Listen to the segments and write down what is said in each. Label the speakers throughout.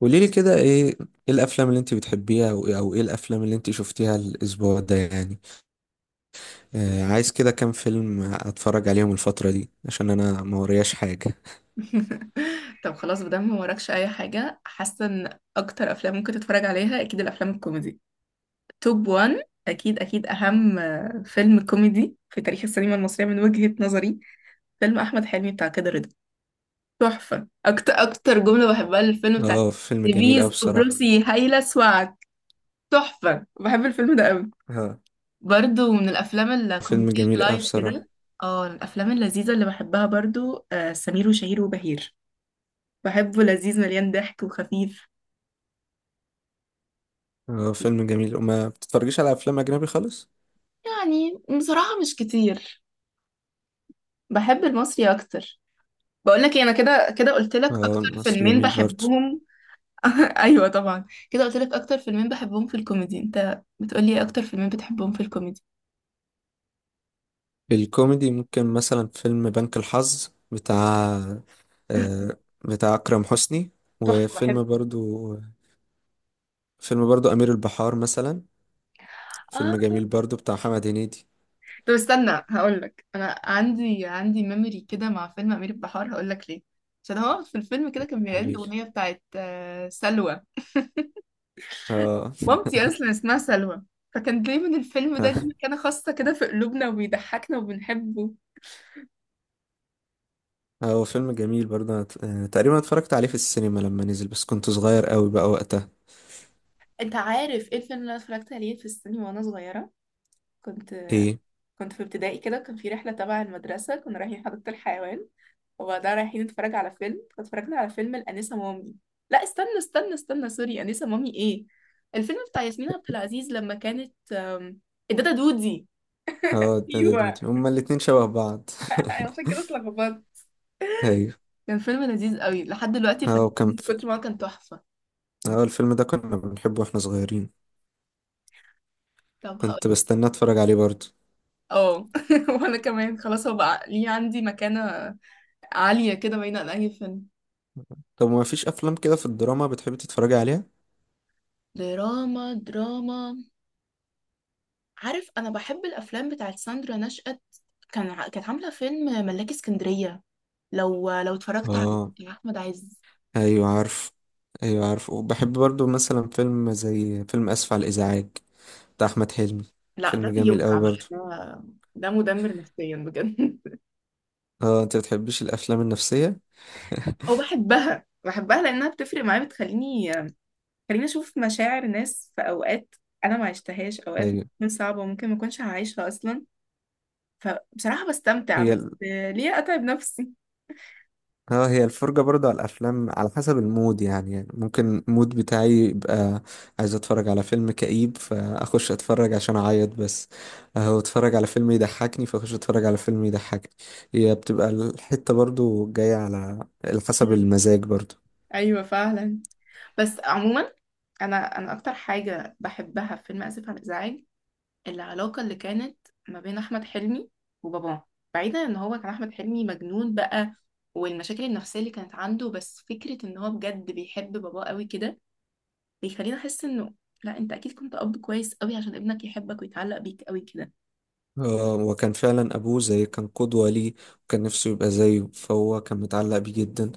Speaker 1: قولي لي كده ايه؟ ايه الافلام اللي انت بتحبيها، او ايه الافلام اللي انت شفتيها الاسبوع ده يعني. عايز كده كام فيلم اتفرج عليهم الفترة دي، عشان انا ما ورياش حاجة.
Speaker 2: طب خلاص مادام ما وراكش اي حاجه، حاسه ان اكتر افلام ممكن تتفرج عليها اكيد الافلام الكوميدي. توب 1 اكيد اكيد اهم فيلم كوميدي في تاريخ السينما المصريه من وجهه نظري، فيلم احمد حلمي بتاع كده رضا. تحفه. اكتر اكتر جمله بحبها للفيلم بتاع
Speaker 1: اه، فيلم جميل اوي
Speaker 2: ديفيز
Speaker 1: بصراحة.
Speaker 2: قبرصي هايله سواك. تحفه، بحب الفيلم ده قوي.
Speaker 1: اه،
Speaker 2: برضو من الافلام
Speaker 1: فيلم
Speaker 2: الكوميديه
Speaker 1: جميل اوي
Speaker 2: اللايت
Speaker 1: بصراحة.
Speaker 2: كده. اه، الافلام اللذيذه اللي بحبها برضو، سمير وشهير وبهير. بحبه، لذيذ مليان ضحك وخفيف.
Speaker 1: اه، فيلم جميل. وما بتتفرجيش على افلام اجنبي خالص؟
Speaker 2: يعني بصراحة مش كتير، بحب المصري أكتر. بقول لك أنا كده كده قلت لك
Speaker 1: اه،
Speaker 2: أكتر
Speaker 1: مصر
Speaker 2: فيلمين
Speaker 1: جميل برضه.
Speaker 2: بحبهم. أيوة طبعا كده قلت لك أكتر فيلمين بحبهم في الكوميدي. أنت بتقولي إيه أكتر فيلمين بتحبهم في الكوميدي؟
Speaker 1: الكوميدي، ممكن مثلا فيلم بنك الحظ آه بتاع اكرم حسني.
Speaker 2: تحفة بحب.
Speaker 1: وفيلم برضو امير البحار مثلا،
Speaker 2: آه.
Speaker 1: فيلم جميل برضو بتاع محمد هنيدي.
Speaker 2: طب استنى هقول لك، أنا عندي ميموري كده مع فيلم أمير البحار، هقول لك ليه. عشان هو في الفيلم كده كان بيغني
Speaker 1: قليل.
Speaker 2: الأغنية بتاعت سلوى،
Speaker 1: اه.
Speaker 2: مامتي اصلا اسمها سلوى. فكان دايما الفيلم ده ليه مكانة خاصة كده في قلوبنا وبيضحكنا وبنحبه.
Speaker 1: هو فيلم جميل برضه، أنا تقريبا اتفرجت عليه في السينما لما نزل، بس كنت صغير قوي بقى وقتها.
Speaker 2: انت عارف ايه الفيلم اللي انا اتفرجت عليه في السينما وانا صغيره؟ كنت،
Speaker 1: ايه؟
Speaker 2: كنت في ابتدائي كده، كان في رحله تبع المدرسه، كنا رايحين حديقه الحيوان وبعدها رايحين نتفرج على فيلم، فاتفرجنا على فيلم الانسه مامي. لا استنى استنى استنى، سوري. انسه مامي ايه، الفيلم بتاع ياسمين عبد العزيز لما كانت الدادا دودي.
Speaker 1: اه،
Speaker 2: ايوه.
Speaker 1: هما الاتنين شبه بعض.
Speaker 2: عشان كده اتلخبطت.
Speaker 1: ايوه.
Speaker 2: كان فيلم لذيذ قوي، لحد دلوقتي
Speaker 1: اه،
Speaker 2: فاكرين
Speaker 1: وكان
Speaker 2: من
Speaker 1: في.
Speaker 2: كتر ما هو كان تحفة.
Speaker 1: اه، الفيلم ده كنا بنحبه واحنا صغيرين.
Speaker 2: طب
Speaker 1: كنت
Speaker 2: هقولك.
Speaker 1: بستنى اتفرج عليه برضه.
Speaker 2: اه. وانا كمان خلاص، هو بقى ليه عندي مكانة عالية كده بعيدة عن اي فيلم.
Speaker 1: طب ما فيش افلام كده في الدراما بتحب تتفرج عليها؟
Speaker 2: دراما، دراما. عارف، انا بحب الافلام بتاعت ساندرا نشأت. كان كانت عاملة فيلم ملاكي اسكندرية، لو اتفرجت عليه،
Speaker 1: اه.
Speaker 2: بتاع احمد عز.
Speaker 1: ايوه عارف ايوه عارف وبحب برضه مثلا فيلم زي فيلم اسف على الازعاج بتاع احمد حلمي.
Speaker 2: لا، ده
Speaker 1: فيلم جميل
Speaker 2: بيوجع
Speaker 1: قوي
Speaker 2: بقى
Speaker 1: برضه.
Speaker 2: ده، ده مدمر نفسيا بجد.
Speaker 1: اه، انت بتحبش الافلام النفسيه؟
Speaker 2: او بحبها، بحبها لانها بتفرق معايا، بتخليني اشوف مشاعر ناس في اوقات انا ما عشتهاش، اوقات
Speaker 1: هي
Speaker 2: ممكن صعبة وممكن ما اكونش هعيشها اصلا. بصراحة بستمتع،
Speaker 1: هي
Speaker 2: بس
Speaker 1: ال...
Speaker 2: ليه أتعب نفسي.
Speaker 1: اه، هي الفرجه برضه على الافلام على حسب المود يعني ممكن المود بتاعي يبقى عايز اتفرج على فيلم كئيب فاخش اتفرج عشان اعيط بس، اهو اتفرج على فيلم يضحكني فاخش اتفرج على فيلم يضحكني. هي بتبقى الحته برضه جايه على حسب
Speaker 2: مم.
Speaker 1: المزاج برضه.
Speaker 2: أيوة فعلا. بس عموما، أنا أكتر حاجة بحبها في فيلم آسف على الإزعاج، العلاقة اللي كانت ما بين أحمد حلمي وباباه. بعيدا إن هو كان أحمد حلمي مجنون بقى، والمشاكل النفسية اللي كانت عنده، بس فكرة إن هو بجد بيحب باباه قوي كده، بيخليني أحس إنه لا، أنت أكيد كنت أب كويس قوي عشان ابنك يحبك ويتعلق بيك قوي كده.
Speaker 1: وكان فعلا أبوه زي كان قدوة ليه، وكان نفسه يبقى زيه، فهو كان متعلق بيه جدا.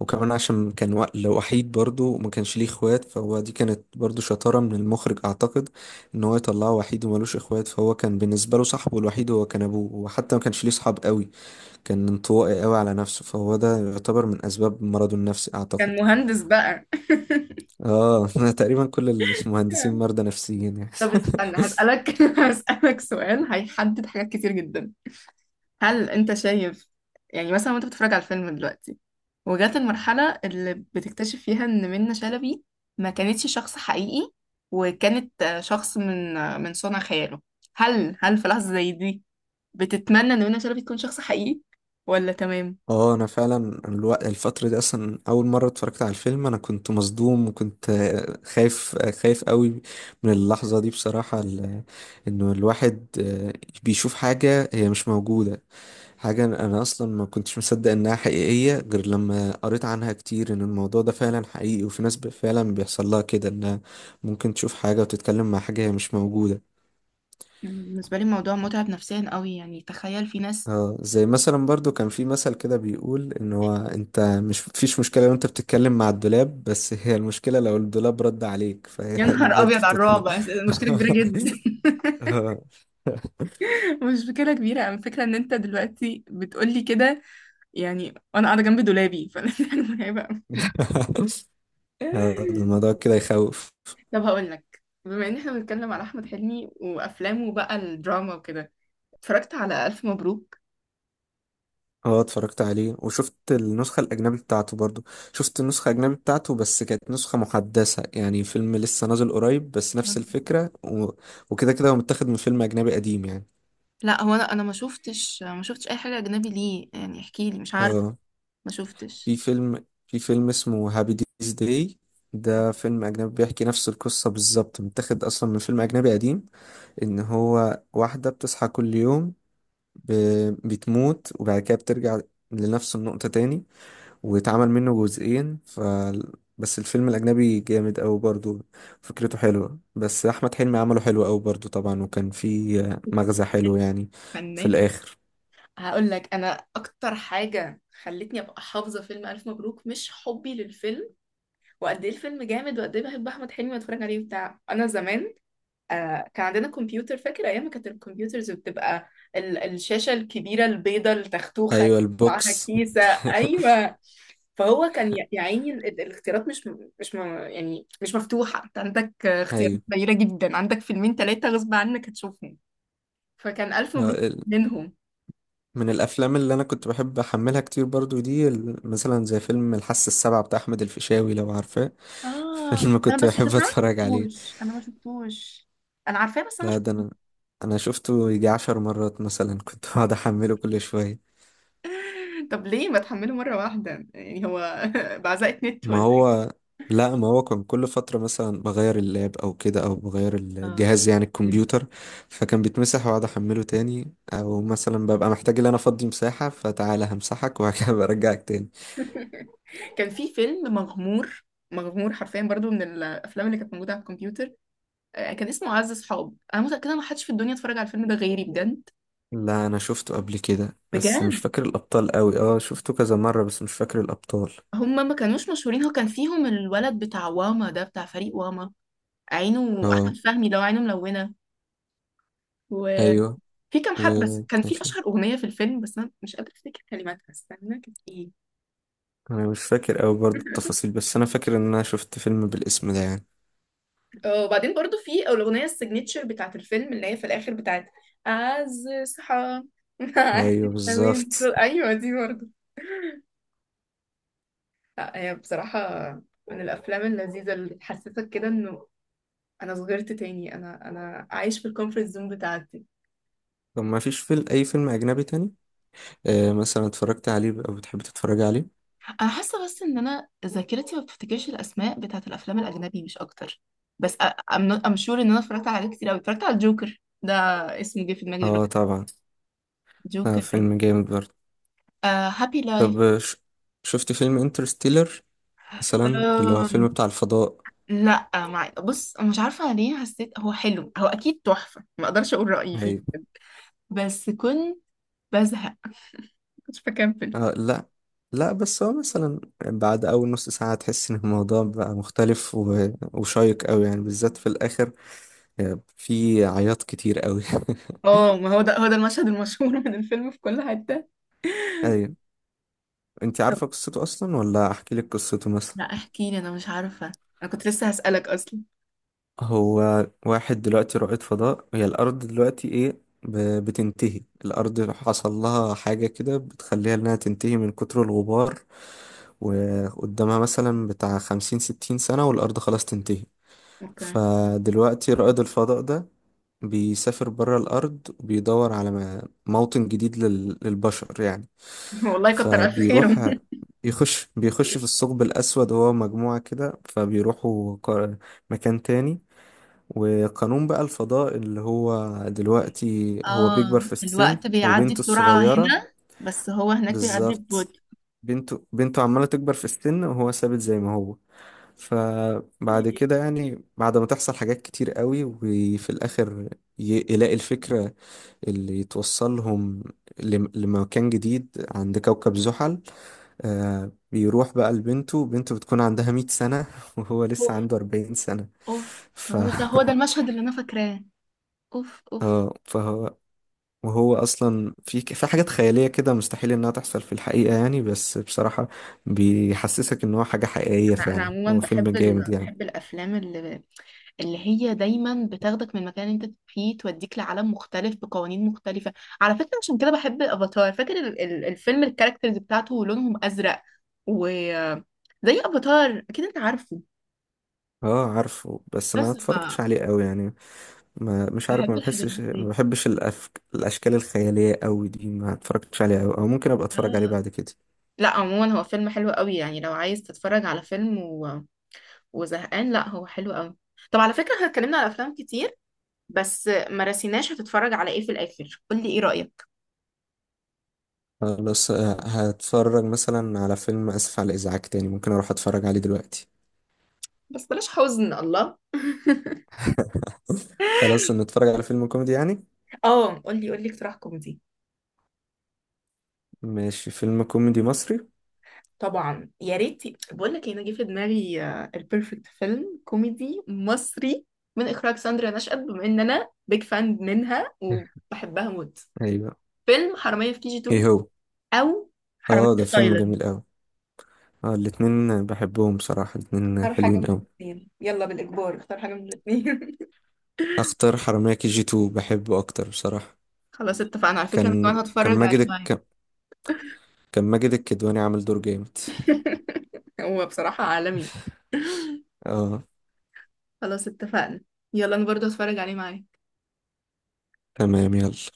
Speaker 1: وكمان عشان كان لو وحيد برضه وما كانش ليه اخوات، فهو دي كانت برضه شطارة من المخرج أعتقد، إن هو يطلعه وحيد وملوش اخوات، فهو كان بالنسبة له صاحبه الوحيد هو كان أبوه، وحتى ما كانش ليه صحاب قوي، كان انطوائي قوي على نفسه، فهو ده يعتبر من أسباب مرضه النفسي
Speaker 2: كان
Speaker 1: أعتقد.
Speaker 2: مهندس بقى.
Speaker 1: آه تقريبا كل المهندسين مرضى نفسيين يعني.
Speaker 2: طب استنى هسألك، هسألك سؤال هيحدد حاجات كتير جدا. هل انت شايف، يعني مثلا وانت بتتفرج على الفيلم دلوقتي وجات المرحلة اللي بتكتشف فيها ان منة شلبي ما كانتش شخص حقيقي، وكانت شخص من من صنع خياله، هل في لحظة زي دي بتتمنى ان منة شلبي تكون شخص حقيقي ولا تمام؟
Speaker 1: اه، انا فعلا الوقت الفترة دي اصلا اول مرة اتفرجت على الفيلم انا كنت مصدوم، وكنت خايف قوي من اللحظة دي بصراحة. انه الواحد بيشوف حاجة هي مش موجودة. حاجة انا اصلا ما كنتش مصدق انها حقيقية غير لما قريت عنها كتير، ان الموضوع ده فعلا حقيقي وفي ناس فعلا بيحصل لها كده، انها ممكن تشوف حاجة وتتكلم مع حاجة هي مش موجودة.
Speaker 2: بالنسبة لي الموضوع متعب نفسيا قوي، يعني تخيل في ناس.
Speaker 1: اه، زي مثلا برضو كان في مثل كده بيقول ان هو، انت مش، فيش مشكلة لو انت بتتكلم مع الدولاب، بس هي المشكلة لو الدولاب رد عليك. فهي
Speaker 2: يا
Speaker 1: دي
Speaker 2: نهار
Speaker 1: برضو
Speaker 2: ابيض على
Speaker 1: بتطن.
Speaker 2: الرعب. مشكلة كبيرة جدا،
Speaker 1: آه.
Speaker 2: مش مشكلة كبيرة. أنا الفكرة إن أنت دلوقتي بتقولي كده يعني، وأنا قاعدة جنب دولابي، فأنا حاجة مرعبة أوي. لا.
Speaker 1: الموضوع كده يخوف.
Speaker 2: طب هقول لك، بما إن إحنا بنتكلم على أحمد حلمي وأفلامه بقى، الدراما وكده، اتفرجت على ألف مبروك؟
Speaker 1: اه، اتفرجت عليه وشفت النسخة الأجنبي بتاعته برضو. شفت النسخة الأجنبي بتاعته، بس كانت نسخة محدثة يعني، فيلم لسه نازل قريب، بس نفس الفكرة. و... وكده كده هو متاخد من فيلم أجنبي قديم يعني.
Speaker 2: لا، هو انا ما شفتش اي حاجه اجنبي، ليه يعني احكي لي، مش عارفه،
Speaker 1: اه،
Speaker 2: ما شفتش.
Speaker 1: في فيلم اسمه هابي ديز داي. ده فيلم أجنبي بيحكي نفس القصة بالظبط، متاخد أصلا من فيلم أجنبي قديم. إن هو واحدة بتصحى كل يوم، ب... بتموت وبعد كده بترجع لنفس النقطة تاني، واتعمل منه جزئين. ف بس الفيلم الأجنبي جامد أوي برضه، فكرته حلوة، بس أحمد حلمي عمله حلو أوي برضه طبعا. وكان في مغزى حلو
Speaker 2: فنان،
Speaker 1: يعني في
Speaker 2: فنان.
Speaker 1: الآخر.
Speaker 2: هقول لك أنا أكتر حاجة خلتني أبقى حافظة فيلم ألف مبروك، مش حبي للفيلم وقد ايه الفيلم جامد وقد ايه بحب احمد حلمي واتفرج عليه بتاع، انا زمان آه كان عندنا كمبيوتر، فاكر ايام ما كانت الكمبيوترز بتبقى الشاشه الكبيره البيضه التختوخه
Speaker 1: أيوة
Speaker 2: معاها
Speaker 1: البوكس.
Speaker 2: كيسه. ايوه. فهو كان يا يا عيني، الاختيارات مش يعني مش مفتوحه، انت عندك اختيارات قليله جدا، عندك فيلمين ثلاثه غصب عنك هتشوفهم، فكان الف مبروك
Speaker 1: أيوة،
Speaker 2: منهم.
Speaker 1: من الافلام اللي انا كنت بحب احملها كتير برضو دي، مثلا زي فيلم الحاسة السابعة بتاع احمد الفيشاوي، لو عارفاه.
Speaker 2: اه
Speaker 1: فيلم
Speaker 2: انا
Speaker 1: كنت
Speaker 2: بس
Speaker 1: بحب
Speaker 2: انا ما
Speaker 1: اتفرج عليه.
Speaker 2: شفتوش، انا ما شفتوش. انا عارفاه بس انا ما
Speaker 1: لا، ده
Speaker 2: شفتوش.
Speaker 1: انا شفته يجي 10 مرات مثلا. كنت بقعد احمله كل شوية.
Speaker 2: طب ليه ما تحمله مرة واحدة يعني هو بعزقة نت
Speaker 1: ما
Speaker 2: ولا إيه؟
Speaker 1: هو. لا، ما هو كان كل فترة مثلا بغير اللاب او كده، او بغير
Speaker 2: اه.
Speaker 1: الجهاز يعني
Speaker 2: أوكي.
Speaker 1: الكمبيوتر. فكان بيتمسح واقعد احمله تاني، او مثلا ببقى محتاج ان انا افضي مساحة، فتعالى همسحك وهكذا. برجعك تاني.
Speaker 2: إيه؟ كان في فيلم مغمور، مغمور حرفيا، برضو من الافلام اللي كانت موجوده على الكمبيوتر. كان اسمه عز صحاب. انا متاكده ما حدش في الدنيا اتفرج على الفيلم ده غيري، بجد
Speaker 1: لا، انا شفته قبل كده بس مش
Speaker 2: بجد.
Speaker 1: فاكر الابطال قوي. اه، شفته كذا مرة بس مش فاكر الابطال.
Speaker 2: هم ما كانوش مشهورين، هو كان فيهم الولد بتاع واما ده، بتاع فريق واما، عينه احمد
Speaker 1: اه.
Speaker 2: فهمي لو عينه ملونه،
Speaker 1: ايوه،
Speaker 2: وفي كام حد بس. كان
Speaker 1: وكان
Speaker 2: في
Speaker 1: في.
Speaker 2: اشهر اغنيه في الفيلم بس انا مش قادره افتكر كلماتها، استنى كانت ايه.
Speaker 1: انا مش فاكر قوي برضه التفاصيل، بس انا فاكر ان انا شفت فيلم بالاسم ده يعني.
Speaker 2: وبعدين برضو في الأغنية السيجنتشر بتاعت الفيلم، اللي هي في الآخر بتاعت أعز صحاب معاك
Speaker 1: ايوه بالظبط.
Speaker 2: أيوة دي برضو. لا هي بصراحة من الأفلام اللذيذة اللي تحسسك كده إنه أنا صغرت تاني، أنا عايش في الكومفورت زون بتاعتي.
Speaker 1: طب ما فيش فيلم، اي فيلم اجنبي تاني مثلا اتفرجت عليه او بتحب تتفرج عليه؟
Speaker 2: انا حاسه بس ان انا ذاكرتي ما بتفتكرش الاسماء بتاعه الافلام الاجنبي، مش اكتر. بس ام ام شور ان انا اتفرجت على حاجات كتير قوي. اتفرجت على الجوكر، ده اسمه جه في دماغي
Speaker 1: اه،
Speaker 2: دلوقتي،
Speaker 1: طبعا. آه،
Speaker 2: جوكر.
Speaker 1: فيلم جامد برضه.
Speaker 2: آه، هابي
Speaker 1: طب، شفت فيلم انترستيلر مثلا، اللي هو
Speaker 2: لايف.
Speaker 1: فيلم بتاع الفضاء؟
Speaker 2: لا مع، بص مش عارفة ليه حسيت، هو حلو هو أكيد تحفة، ما أقدرش أقول رأيي فيه،
Speaker 1: ايوه.
Speaker 2: بس كنت بزهق، كنت بكمل.
Speaker 1: لا لا، بس هو مثلا بعد أول نص ساعة تحس إن الموضوع بقى مختلف و... وشيق أوي يعني، بالذات في الآخر. في عياط كتير أوي.
Speaker 2: اه ما هو ده هو ده المشهد المشهور من الفيلم في كل حتة.
Speaker 1: أيوة. أنت
Speaker 2: طب
Speaker 1: عارفة قصته أصلا، ولا أحكي لك قصته مثلا؟
Speaker 2: لا احكي لي، أنا مش عارفة، أنا كنت لسه هسألك أصلا.
Speaker 1: هو واحد دلوقتي رائد فضاء، هي الأرض دلوقتي، إيه ب... بتنتهي الأرض، حصل لها حاجة كده بتخليها إنها تنتهي من كتر الغبار، وقدامها مثلا بتاع 50 60 سنة والأرض خلاص تنتهي.
Speaker 2: أوكي.
Speaker 1: فدلوقتي رائد الفضاء ده بيسافر برا الأرض، وبيدور على م- موطن جديد لل- للبشر يعني.
Speaker 2: والله كتر ألف خير.
Speaker 1: فبيروح بيخش في الثقب الأسود، هو مجموعة كده، فبيروحوا مكان تاني. وقانون بقى الفضاء اللي هو دلوقتي، هو بيكبر
Speaker 2: اه
Speaker 1: في السن
Speaker 2: الوقت بيعدي
Speaker 1: وبنته
Speaker 2: بسرعة
Speaker 1: الصغيرة.
Speaker 2: هنا بس هو هناك بيعدي
Speaker 1: بالظبط.
Speaker 2: ببطء.
Speaker 1: بنته عمالة تكبر في السن وهو ثابت زي ما هو. فبعد كده يعني بعد ما تحصل حاجات كتير قوي وفي الآخر يلاقي الفكرة اللي يتوصلهم لمكان جديد عند كوكب زحل. بيروح بقى لبنته، بنته بتكون عندها 100 سنة وهو لسه
Speaker 2: اوف،
Speaker 1: عنده 40 سنة.
Speaker 2: اوف.
Speaker 1: ف
Speaker 2: هو ده هو ده المشهد اللي أنا فاكراه. اوف، اوف.
Speaker 1: اه، وهو اصلا في حاجات خيالية كده مستحيل انها تحصل في الحقيقة يعني، بس بصراحة بيحسسك ان هو حاجة حقيقية
Speaker 2: لا انا
Speaker 1: فعلا،
Speaker 2: عموما
Speaker 1: هو فيلم
Speaker 2: بحب،
Speaker 1: جامد
Speaker 2: ال...
Speaker 1: يعني.
Speaker 2: بحب الافلام اللي، اللي هي دايما بتاخدك من مكان انت فيه توديك لعالم مختلف بقوانين مختلفه. على فكره عشان كده بحب الافاتار، فاكر الفيلم الكاركترز بتاعته لونهم ازرق، و زي افاتار اكيد انت عارفه.
Speaker 1: اه، عارفه بس ما
Speaker 2: بس ف،
Speaker 1: اتفرجتش عليه قوي يعني، ما مش عارف،
Speaker 2: بحب
Speaker 1: ما
Speaker 2: الحاجات
Speaker 1: بحسش ما
Speaker 2: دي.
Speaker 1: بحبش الاشكال الخياليه قوي دي ما اتفرجتش عليها قوي، او ممكن ابقى اتفرج عليه
Speaker 2: آه.
Speaker 1: بعد كده.
Speaker 2: لا عموما هو فيلم حلو قوي، يعني لو عايز تتفرج على فيلم و... وزهقان، لا هو حلو قوي. طب على فكره احنا اتكلمنا على افلام كتير، بس ما رسيناش هتتفرج على ايه في الاخر، قول لي ايه رايك.
Speaker 1: خلاص، هتفرج مثلا على فيلم اسف على الازعاج تاني، ممكن اروح اتفرج عليه دلوقتي.
Speaker 2: بس بلاش حزن الله.
Speaker 1: خلاص نتفرج على فيلم كوميدي يعني.
Speaker 2: اه قولي قولي، اقتراح كوميدي.
Speaker 1: ماشي، فيلم كوميدي مصري.
Speaker 2: طبعا يا ريت. بقول لك انا جه في دماغي البيرفكت فيلم كوميدي مصري، من اخراج ساندرا نشأت بما ان انا بيج فان منها وبحبها موت،
Speaker 1: ايوه.
Speaker 2: فيلم حرامية في كي جي
Speaker 1: ايه
Speaker 2: 2،
Speaker 1: هو؟
Speaker 2: او حرامية
Speaker 1: اه،
Speaker 2: في
Speaker 1: ده فيلم
Speaker 2: تايلاند.
Speaker 1: جميل قوي. اه، الاتنين بحبهم بصراحه، الاتنين
Speaker 2: اختار حاجة
Speaker 1: حلوين
Speaker 2: من
Speaker 1: قوي.
Speaker 2: الاثنين، يلا بالإجبار اختار حاجة من الاثنين.
Speaker 1: اختار حرامية كي جي 2، بحبه اكتر بصراحه.
Speaker 2: خلاص اتفقنا، على فكرة انا كمان
Speaker 1: كان كان
Speaker 2: هتفرج عليه
Speaker 1: ماجد
Speaker 2: معايا.
Speaker 1: الك... كان ماجد الكدواني عامل دور جامد.
Speaker 2: هو بصراحة عالمي.
Speaker 1: اه.
Speaker 2: خلاص اتفقنا، يلا انا برضه هتفرج عليه معايا.
Speaker 1: تمام يلا.